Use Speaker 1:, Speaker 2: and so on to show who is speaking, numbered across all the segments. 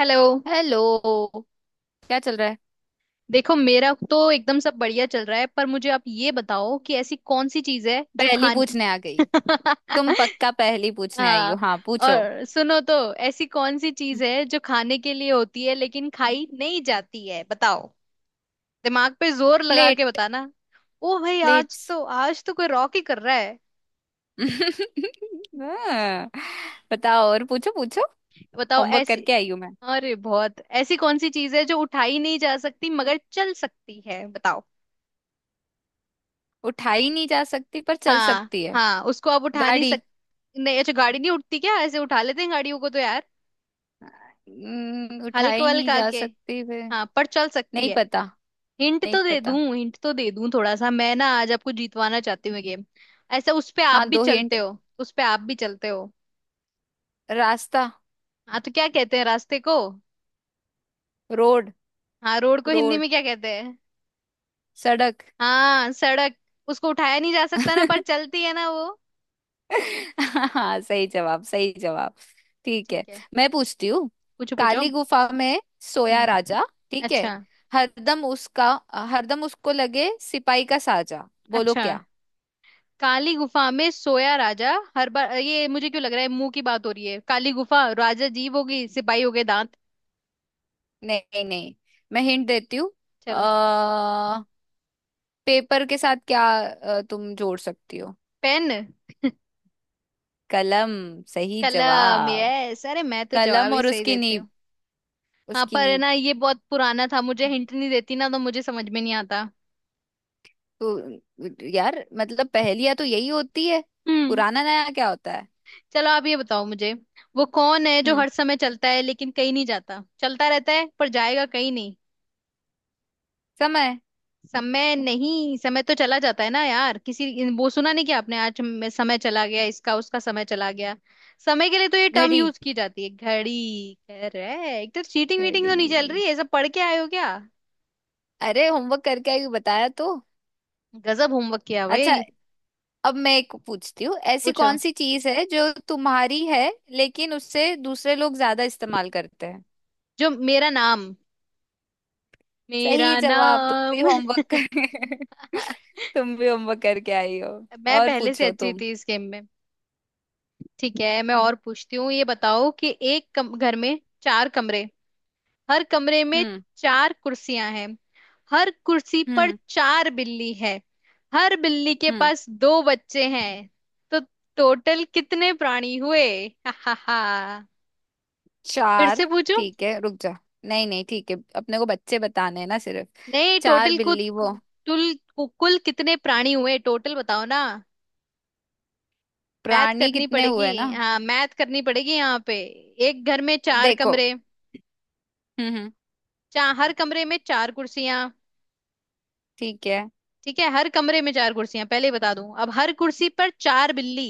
Speaker 1: Hello.
Speaker 2: Hello. क्या चल रहा है।
Speaker 1: देखो, मेरा तो एकदम सब बढ़िया चल रहा है, पर मुझे आप ये बताओ कि ऐसी कौन सी चीज है जो
Speaker 2: पहेली
Speaker 1: खान
Speaker 2: पूछने आ गई। तुम पक्का पहेली पूछने आई हो।
Speaker 1: हाँ।
Speaker 2: हाँ, पूछो।
Speaker 1: और सुनो तो, ऐसी कौन सी चीज है जो खाने के लिए होती है लेकिन खाई नहीं जाती है, बताओ। दिमाग पे जोर लगा के
Speaker 2: प्लेट।
Speaker 1: बताना। ओ भाई, आज
Speaker 2: प्लेट्स।
Speaker 1: तो आज तो कोई रॉक ही कर रहा है।
Speaker 2: हाँ, बताओ और पूछो पूछो।
Speaker 1: बताओ
Speaker 2: होमवर्क
Speaker 1: ऐसी।
Speaker 2: करके आई हूँ मैं।
Speaker 1: अरे बहुत, ऐसी कौन सी चीज है जो उठाई नहीं जा सकती मगर चल सकती है, बताओ।
Speaker 2: उठाई नहीं जा सकती पर चल
Speaker 1: हाँ
Speaker 2: सकती है।
Speaker 1: हाँ, उसको आप उठा नहीं
Speaker 2: गाड़ी।
Speaker 1: सक। नहीं, अच्छा गाड़ी नहीं उठती क्या, ऐसे उठा लेते हैं गाड़ियों को तो यार।
Speaker 2: उठाई
Speaker 1: हल्का
Speaker 2: नहीं
Speaker 1: हल्का
Speaker 2: जा
Speaker 1: के।
Speaker 2: सकती वे।
Speaker 1: हाँ, पर चल सकती
Speaker 2: नहीं
Speaker 1: है।
Speaker 2: पता।
Speaker 1: हिंट
Speaker 2: नहीं
Speaker 1: तो दे
Speaker 2: पता।
Speaker 1: दूं हिंट तो दे दूं थोड़ा सा। मैं ना आज आपको जीतवाना चाहती हूँ गेम। ऐसा, उस पे आप
Speaker 2: हाँ,
Speaker 1: भी
Speaker 2: दो
Speaker 1: चलते
Speaker 2: हिंट।
Speaker 1: हो उस पे आप भी चलते हो।
Speaker 2: रास्ता।
Speaker 1: हाँ तो क्या कहते हैं रास्ते को?
Speaker 2: रोड।
Speaker 1: हाँ, रोड को हिंदी
Speaker 2: रोड।
Speaker 1: में क्या कहते हैं?
Speaker 2: सड़क।
Speaker 1: हाँ, सड़क। उसको उठाया नहीं जा सकता ना, पर चलती है ना वो।
Speaker 2: हाँ, सही जवाब। सही जवाब। ठीक है।
Speaker 1: ठीक है।
Speaker 2: मैं पूछती हूँ।
Speaker 1: पूछो पूछो।
Speaker 2: काली गुफा में सोया
Speaker 1: हम्म।
Speaker 2: राजा। ठीक है।
Speaker 1: अच्छा।
Speaker 2: हरदम उसका हरदम उसको लगे सिपाही का साजा। बोलो
Speaker 1: अच्छा,
Speaker 2: क्या।
Speaker 1: काली गुफा में सोया राजा। हर बार ये मुझे क्यों लग रहा है मुंह की बात हो रही है। काली गुफा, राजा जीव होगी, सिपाही हो गए दांत।
Speaker 2: नहीं नहीं। मैं हिंट देती हूँ। अ
Speaker 1: चलो।
Speaker 2: पेपर के साथ क्या तुम जोड़ सकती हो।
Speaker 1: पेन।
Speaker 2: कलम। सही
Speaker 1: कलम,
Speaker 2: जवाब।
Speaker 1: यस। अरे मैं तो जवाब
Speaker 2: कलम
Speaker 1: ही
Speaker 2: और
Speaker 1: सही
Speaker 2: उसकी
Speaker 1: देती
Speaker 2: नीब।
Speaker 1: हूँ। हाँ
Speaker 2: उसकी
Speaker 1: पर है
Speaker 2: नीब।
Speaker 1: ना, ये बहुत पुराना था, मुझे हिंट नहीं देती ना तो मुझे समझ में नहीं आता।
Speaker 2: तो यार मतलब पहेलियां तो यही होती है।
Speaker 1: हम्म।
Speaker 2: पुराना नया क्या होता है।
Speaker 1: चलो आप ये बताओ मुझे। वो कौन है जो
Speaker 2: हम्म
Speaker 1: हर समय चलता है लेकिन कहीं नहीं जाता, चलता रहता है पर जाएगा कहीं नहीं।
Speaker 2: समय।
Speaker 1: समय नहीं, समय तो चला जाता है ना यार। किसी वो सुना नहीं कि आपने आज में समय चला गया, इसका उसका समय चला गया। समय के लिए तो ये टर्म
Speaker 2: घड़ी।
Speaker 1: यूज की जाती है। घड़ी कह रहे, एक तो चीटिंग वीटिंग तो नहीं चल रही
Speaker 2: घड़ी।
Speaker 1: है, ये सब पढ़ के आए हो क्या?
Speaker 2: अरे होमवर्क करके आई बताया तो।
Speaker 1: गजब होमवर्क किया
Speaker 2: अच्छा।
Speaker 1: भाई।
Speaker 2: अब मैं एक पूछती हूँ, ऐसी
Speaker 1: पूछो।
Speaker 2: कौन सी चीज है जो तुम्हारी है लेकिन उससे दूसरे लोग ज्यादा इस्तेमाल करते हैं।
Speaker 1: जो मेरा नाम, मेरा
Speaker 2: सही जवाब। तुम भी
Speaker 1: नाम
Speaker 2: होमवर्क कर। तुम भी होमवर्क करके आई हो।
Speaker 1: मैं
Speaker 2: और
Speaker 1: पहले से
Speaker 2: पूछो
Speaker 1: अच्छी
Speaker 2: तुम।
Speaker 1: थी इस गेम में। ठीक है, मैं और पूछती हूँ। ये बताओ कि घर में चार कमरे, हर कमरे में
Speaker 2: हम्म।
Speaker 1: चार कुर्सियां हैं, हर कुर्सी पर
Speaker 2: हम्म।
Speaker 1: चार बिल्ली है, हर बिल्ली के
Speaker 2: हम्म।
Speaker 1: पास दो बच्चे हैं, तो टोटल कितने प्राणी हुए? हा हा हा। फिर
Speaker 2: चार।
Speaker 1: से पूछूं?
Speaker 2: ठीक है, रुक जा। नहीं नहीं, ठीक है, अपने को बच्चे बताने हैं ना सिर्फ।
Speaker 1: नहीं,
Speaker 2: चार
Speaker 1: टोटल, कुल
Speaker 2: बिल्ली वो
Speaker 1: कुल कुल कितने प्राणी हुए, टोटल बताओ ना। मैथ
Speaker 2: प्राणी
Speaker 1: करनी
Speaker 2: कितने
Speaker 1: पड़ेगी,
Speaker 2: हुए ना।
Speaker 1: हाँ मैथ करनी पड़ेगी यहाँ पे। एक घर में चार
Speaker 2: देखो।
Speaker 1: कमरे,
Speaker 2: हम्म। हम्म।
Speaker 1: चार, हर कमरे में चार कुर्सियां।
Speaker 2: ठीक है।
Speaker 1: ठीक है, हर कमरे में चार कुर्सियां, पहले ही बता दूं, अब हर कुर्सी पर चार बिल्ली।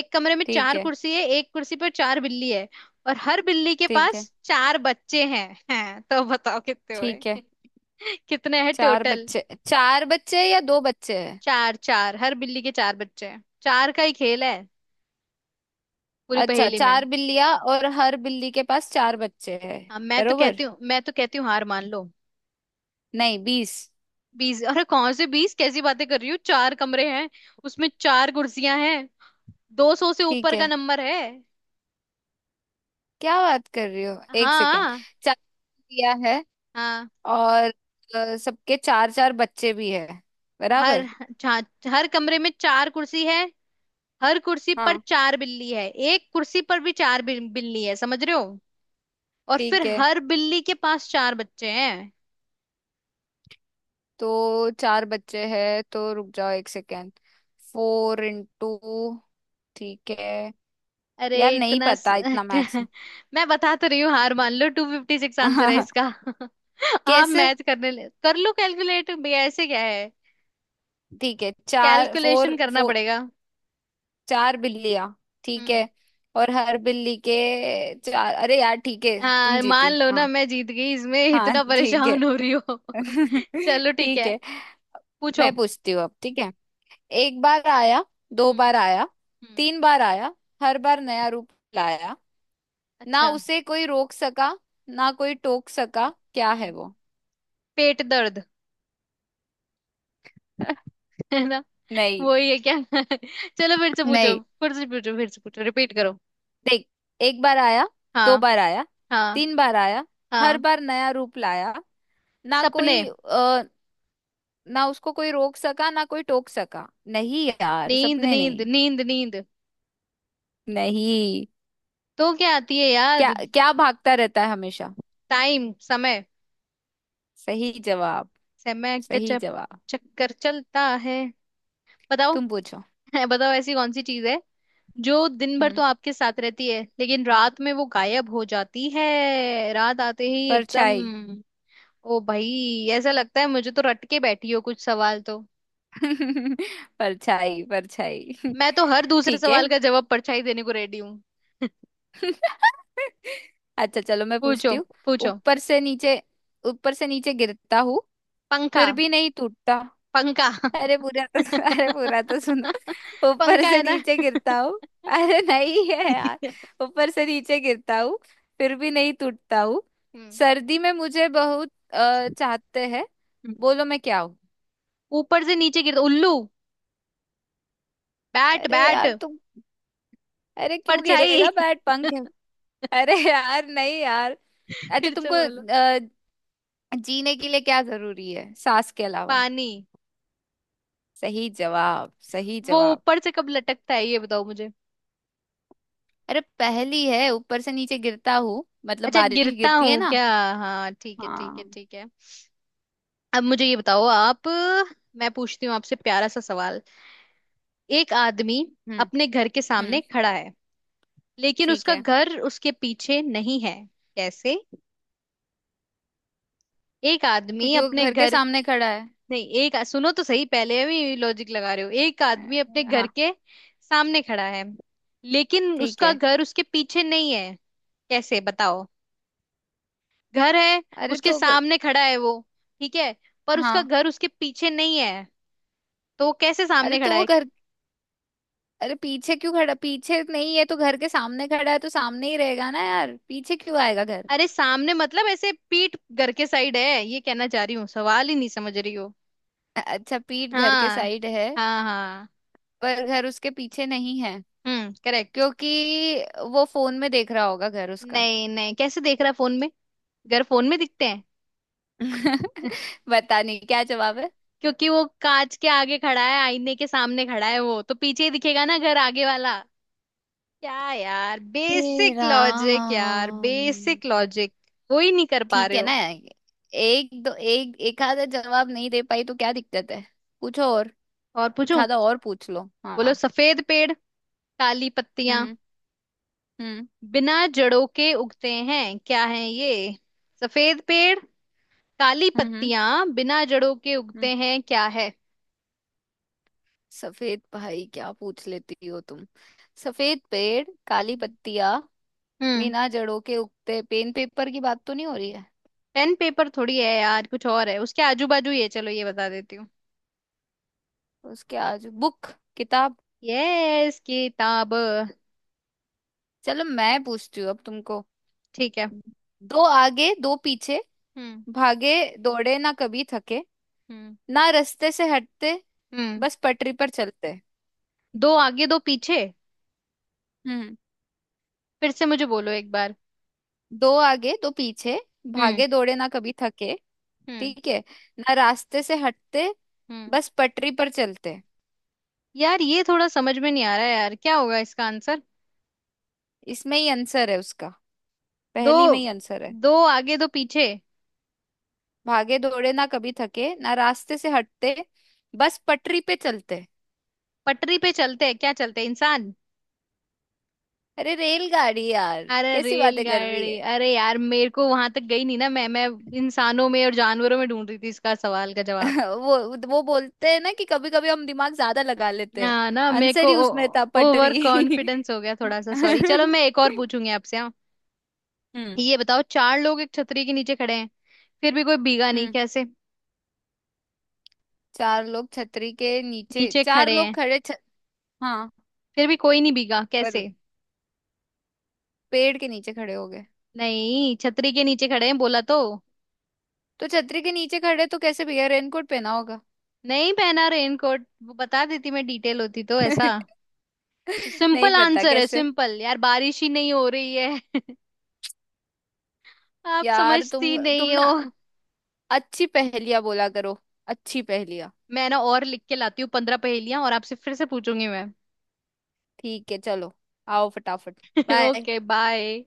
Speaker 1: एक कमरे में
Speaker 2: ठीक
Speaker 1: चार
Speaker 2: है।
Speaker 1: कुर्सी है, एक कुर्सी पर चार बिल्ली है, और हर बिल्ली के
Speaker 2: ठीक है।
Speaker 1: पास चार बच्चे हैं, हैं। तो बताओ कितने
Speaker 2: ठीक है।
Speaker 1: हुए? कितने हैं
Speaker 2: चार
Speaker 1: टोटल?
Speaker 2: बच्चे। चार बच्चे या दो बच्चे हैं।
Speaker 1: चार, चार, हर बिल्ली के चार बच्चे हैं, चार का ही खेल है पूरी
Speaker 2: अच्छा,
Speaker 1: पहेली में।
Speaker 2: चार बिल्लियां और हर बिल्ली के पास चार बच्चे हैं।
Speaker 1: हाँ, मैं तो
Speaker 2: बरोबर।
Speaker 1: कहती हूँ मैं तो कहती हूँ हार मान लो।
Speaker 2: नहीं, 20।
Speaker 1: 20? अरे कौन से बीस, कैसी बातें कर रही हो? चार कमरे हैं, उसमें चार कुर्सियां हैं। 200 से
Speaker 2: ठीक
Speaker 1: ऊपर का
Speaker 2: है।
Speaker 1: नंबर है।
Speaker 2: क्या बात कर रही हो, एक सेकेंड।
Speaker 1: हाँ।
Speaker 2: चार बिल्लियां है।
Speaker 1: हाँ।
Speaker 2: और सबके चार चार बच्चे भी है।
Speaker 1: हर,
Speaker 2: बराबर।
Speaker 1: हाँ, हर कमरे में चार कुर्सी है, हर कुर्सी पर
Speaker 2: हाँ,
Speaker 1: चार बिल्ली है, एक कुर्सी पर भी चार बिल्ली है, समझ रहे हो? और फिर
Speaker 2: ठीक है।
Speaker 1: हर बिल्ली के पास चार बच्चे हैं।
Speaker 2: तो चार बच्चे हैं तो रुक जाओ एक सेकेंड। Four into. ठीक है।
Speaker 1: अरे
Speaker 2: यार नहीं
Speaker 1: इतना
Speaker 2: पता इतना मैक्स।
Speaker 1: मैं बता तो रही हूँ, हार मान लो। 256 आंसर है इसका। आप
Speaker 2: कैसे।
Speaker 1: मैच करने ले कर लो, कैलकुलेट भैया ऐसे क्या है।
Speaker 2: ठीक है, चार फोर।
Speaker 1: कैलकुलेशन करना पड़ेगा।
Speaker 2: चार बिल्लियां। ठीक
Speaker 1: हम्म।
Speaker 2: है। और हर बिल्ली के चार अरे यार ठीक है तुम
Speaker 1: हाँ, मान
Speaker 2: जीती,
Speaker 1: लो ना
Speaker 2: हाँ।
Speaker 1: मैं जीत गई, इसमें
Speaker 2: हाँ,
Speaker 1: इतना
Speaker 2: ठीक है।
Speaker 1: परेशान हो रही हो। चलो ठीक
Speaker 2: ठीक
Speaker 1: है।
Speaker 2: है।
Speaker 1: पूछो।
Speaker 2: मैं पूछती हूँ अब। ठीक है।
Speaker 1: हम्म।
Speaker 2: एक बार आया, दो
Speaker 1: हम्म।
Speaker 2: बार आया,
Speaker 1: हम्म।
Speaker 2: तीन बार आया, हर बार नया रूप लाया, ना
Speaker 1: अच्छा।
Speaker 2: उसे कोई रोक सका ना कोई टोक सका। क्या है
Speaker 1: हम्म।
Speaker 2: वो।
Speaker 1: पेट दर्द। है ना?
Speaker 2: नहीं
Speaker 1: वही है क्या? चलो फिर से पूछो
Speaker 2: नहीं।
Speaker 1: फिर से पूछो फिर से पूछो, रिपीट करो।
Speaker 2: देख। एक बार आया, दो
Speaker 1: हाँ।
Speaker 2: बार आया,
Speaker 1: हाँ।
Speaker 2: तीन बार आया, हर
Speaker 1: हाँ।
Speaker 2: बार नया रूप लाया। ना
Speaker 1: सपने।
Speaker 2: कोई ना उसको कोई रोक सका ना कोई टोक सका। नहीं यार,
Speaker 1: नींद
Speaker 2: सपने
Speaker 1: नींद
Speaker 2: नहीं।
Speaker 1: नींद नींद
Speaker 2: नहीं।
Speaker 1: तो क्या आती है याद?
Speaker 2: क्या क्या भागता रहता है हमेशा।
Speaker 1: टाइम, समय।
Speaker 2: सही जवाब।
Speaker 1: समय का
Speaker 2: सही जवाब।
Speaker 1: चक्कर चलता है। बताओ।
Speaker 2: तुम पूछो।
Speaker 1: बताओ, ऐसी कौन सी चीज है जो दिन भर तो
Speaker 2: हम्म
Speaker 1: आपके साथ रहती है लेकिन रात में वो गायब हो जाती है, रात आते ही एकदम।
Speaker 2: परछाई।
Speaker 1: ओ भाई, ऐसा लगता है मुझे तो रट के बैठी हो कुछ सवाल तो।
Speaker 2: परछाई, परछाई।
Speaker 1: मैं तो हर दूसरे
Speaker 2: ठीक है।
Speaker 1: सवाल का जवाब परछाई देने को रेडी हूँ।
Speaker 2: अच्छा चलो मैं
Speaker 1: पूछो।
Speaker 2: पूछती हूँ।
Speaker 1: पूछो।
Speaker 2: ऊपर से नीचे ऊपर से नीचे गिरता हूँ,
Speaker 1: पंखा।
Speaker 2: फिर भी नहीं टूटता।
Speaker 1: पंखा।
Speaker 2: अरे पूरा तो अरे पूरा तो सुनो। ऊपर
Speaker 1: पंखा
Speaker 2: से
Speaker 1: है ना?
Speaker 2: नीचे गिरता हूँ। अरे नहीं है यार। ऊपर से नीचे गिरता हूँ, फिर भी नहीं टूटता हूँ।
Speaker 1: हम्म।
Speaker 2: सर्दी में मुझे बहुत चाहते हैं। बोलो मैं क्या हूँ।
Speaker 1: ऊपर से नीचे गिरता, उल्लू। बैट
Speaker 2: अरे
Speaker 1: बैट
Speaker 2: यार तुम। अरे क्यों
Speaker 1: परछाई।
Speaker 2: गिरेगा बैट, पंख है। अरे यार नहीं यार। अच्छा
Speaker 1: फिर से
Speaker 2: तुमको
Speaker 1: बोलो।
Speaker 2: जीने के लिए क्या जरूरी है सांस के अलावा।
Speaker 1: पानी।
Speaker 2: सही जवाब। सही
Speaker 1: वो
Speaker 2: जवाब।
Speaker 1: ऊपर से कब लटकता है, ये बताओ मुझे।
Speaker 2: अरे पहली है, ऊपर से नीचे गिरता हूँ मतलब
Speaker 1: अच्छा,
Speaker 2: बारिश
Speaker 1: गिरता
Speaker 2: गिरती है
Speaker 1: हूँ
Speaker 2: ना।
Speaker 1: क्या? हाँ, ठीक है ठीक है
Speaker 2: हाँ।
Speaker 1: ठीक है। अब मुझे ये बताओ आप, मैं पूछती हूँ आपसे प्यारा सा सवाल। एक आदमी
Speaker 2: हम्म।
Speaker 1: अपने घर के सामने
Speaker 2: हम्म।
Speaker 1: खड़ा है, लेकिन
Speaker 2: ठीक
Speaker 1: उसका
Speaker 2: है।
Speaker 1: घर उसके पीछे नहीं है। कैसे? एक आदमी
Speaker 2: क्योंकि वो
Speaker 1: अपने
Speaker 2: घर के
Speaker 1: घर,
Speaker 2: सामने खड़ा है।
Speaker 1: नहीं, एक सुनो तो सही, पहले भी लॉजिक लगा रहे हो। एक आदमी अपने घर
Speaker 2: हाँ।
Speaker 1: के सामने खड़ा है, लेकिन
Speaker 2: ठीक
Speaker 1: उसका
Speaker 2: है।
Speaker 1: घर उसके पीछे नहीं है, कैसे बताओ? घर है
Speaker 2: अरे
Speaker 1: उसके
Speaker 2: तो
Speaker 1: सामने, खड़ा है वो, ठीक है, पर उसका
Speaker 2: हाँ।
Speaker 1: घर उसके पीछे नहीं है, तो वो कैसे
Speaker 2: अरे
Speaker 1: सामने
Speaker 2: तो
Speaker 1: खड़ा
Speaker 2: वो
Speaker 1: है?
Speaker 2: घर। अरे पीछे क्यों खड़ा, पीछे नहीं है तो घर के सामने खड़ा है तो सामने ही रहेगा ना यार। पीछे क्यों आएगा घर।
Speaker 1: अरे सामने मतलब ऐसे पीठ घर के साइड है, ये कहना चाह रही हूँ, सवाल ही नहीं समझ रही हो।
Speaker 2: अच्छा, पीठ घर के
Speaker 1: हाँ।
Speaker 2: साइड है।
Speaker 1: हाँ हाँ।
Speaker 2: पर घर उसके पीछे नहीं है।
Speaker 1: हम्म, करेक्ट।
Speaker 2: क्योंकि वो फोन में देख रहा होगा घर उसका।
Speaker 1: नहीं नहीं, कैसे देख रहा है फोन में, घर फोन में दिखते हैं?
Speaker 2: बता, नहीं क्या जवाब है।
Speaker 1: क्योंकि वो कांच के आगे खड़ा है, आईने के सामने खड़ा है वो, तो पीछे ही दिखेगा ना घर आगे वाला। क्या यार,
Speaker 2: हे
Speaker 1: बेसिक लॉजिक यार,
Speaker 2: राम।
Speaker 1: बेसिक लॉजिक, कोई नहीं कर पा
Speaker 2: ठीक
Speaker 1: रहे
Speaker 2: है ना।
Speaker 1: हो।
Speaker 2: एक दो एक एक आधा जवाब नहीं दे पाई तो क्या दिक्कत है। पूछो और।
Speaker 1: और
Speaker 2: एक
Speaker 1: पूछूं?
Speaker 2: आधा और पूछ लो,
Speaker 1: बोलो,
Speaker 2: हाँ।
Speaker 1: सफेद पेड़, काली पत्तियां,
Speaker 2: हम्म। हम्म।
Speaker 1: बिना जड़ों के उगते हैं, क्या है ये? सफेद पेड़, काली
Speaker 2: हम्म। हम्म।
Speaker 1: पत्तियां, बिना जड़ों के
Speaker 2: हम्म।
Speaker 1: उगते हैं, क्या है?
Speaker 2: सफेद, भाई क्या पूछ लेती हो तुम। सफेद पेड़ काली पत्तियां
Speaker 1: हम्म।
Speaker 2: बिना जड़ों के उगते, पेन पेपर की बात तो नहीं हो रही है।
Speaker 1: पेन पेपर थोड़ी है यार, कुछ और है उसके आजू बाजू, ये चलो ये बता देती हूँ।
Speaker 2: उसके आजू बुक। किताब।
Speaker 1: यस, किताब।
Speaker 2: चलो मैं पूछती हूँ अब तुमको।
Speaker 1: ठीक है।
Speaker 2: दो आगे दो पीछे,
Speaker 1: हम्म।
Speaker 2: भागे दौड़े ना कभी थके,
Speaker 1: हम्म।
Speaker 2: ना रास्ते से हटते,
Speaker 1: हम्म।
Speaker 2: बस पटरी पर चलते।
Speaker 1: दो आगे दो पीछे।
Speaker 2: हम्म।
Speaker 1: फिर से मुझे बोलो एक बार।
Speaker 2: दो आगे दो पीछे,
Speaker 1: हम्म।
Speaker 2: भागे दौड़े ना कभी थके।
Speaker 1: हम्म।
Speaker 2: ठीक है। ना रास्ते से हटते,
Speaker 1: हम्म।
Speaker 2: बस पटरी पर चलते।
Speaker 1: यार ये थोड़ा समझ में नहीं आ रहा है यार, क्या होगा इसका आंसर?
Speaker 2: इसमें ही आंसर है उसका।
Speaker 1: दो,
Speaker 2: पहली में ही आंसर है।
Speaker 1: दो आगे दो पीछे।
Speaker 2: भागे दौड़े ना कभी थके, ना रास्ते से हटते, बस पटरी पे चलते।
Speaker 1: पटरी पे चलते हैं, क्या चलते हैं इंसान?
Speaker 2: अरे रेलगाड़ी यार।
Speaker 1: अरे
Speaker 2: कैसी बातें कर रही
Speaker 1: रेलगाड़ी,
Speaker 2: है।
Speaker 1: अरे यार मेरे को वहां तक गई नहीं ना। मैं इंसानों में और जानवरों में ढूंढ रही थी इसका सवाल का जवाब।
Speaker 2: वो वो बोलते हैं ना कि कभी कभी हम दिमाग ज्यादा लगा लेते हैं।
Speaker 1: हाँ ना, मेरे को
Speaker 2: आंसर ही उसमें था,
Speaker 1: ओवर
Speaker 2: पटरी।
Speaker 1: कॉन्फिडेंस हो गया थोड़ा सा, सॉरी। चलो
Speaker 2: हम्म।
Speaker 1: मैं एक और पूछूंगी आपसे, हाँ?
Speaker 2: हम्म।
Speaker 1: ये बताओ, चार लोग एक छतरी के नीचे खड़े हैं, फिर भी कोई भीगा नहीं, कैसे?
Speaker 2: चार लोग छतरी के नीचे
Speaker 1: नीचे
Speaker 2: चार
Speaker 1: खड़े
Speaker 2: लोग
Speaker 1: हैं
Speaker 2: खड़े हाँ।
Speaker 1: फिर भी कोई नहीं भीगा,
Speaker 2: पर
Speaker 1: कैसे?
Speaker 2: पेड़ के नीचे खड़े हो गए।
Speaker 1: नहीं, छतरी के नीचे खड़े हैं बोला तो।
Speaker 2: तो छतरी के नीचे खड़े तो कैसे भैया, रेनकोट पहना होगा।
Speaker 1: नहीं पहना रेनकोट, वो बता देती, मैं डिटेल होती तो ऐसा।
Speaker 2: नहीं
Speaker 1: सिंपल
Speaker 2: पता
Speaker 1: आंसर है
Speaker 2: कैसे।
Speaker 1: सिंपल यार, बारिश ही नहीं हो रही है। आप
Speaker 2: यार,
Speaker 1: समझती
Speaker 2: तुम
Speaker 1: नहीं हो।
Speaker 2: ना अच्छी पहेलियां बोला करो। अच्छी पहेलियां।
Speaker 1: मैं ना और लिख के लाती हूँ 15 पहेलियां, और आपसे फिर से पूछूंगी मैं।
Speaker 2: ठीक है, चलो। आओ फटाफट। बाय।
Speaker 1: Okay bye.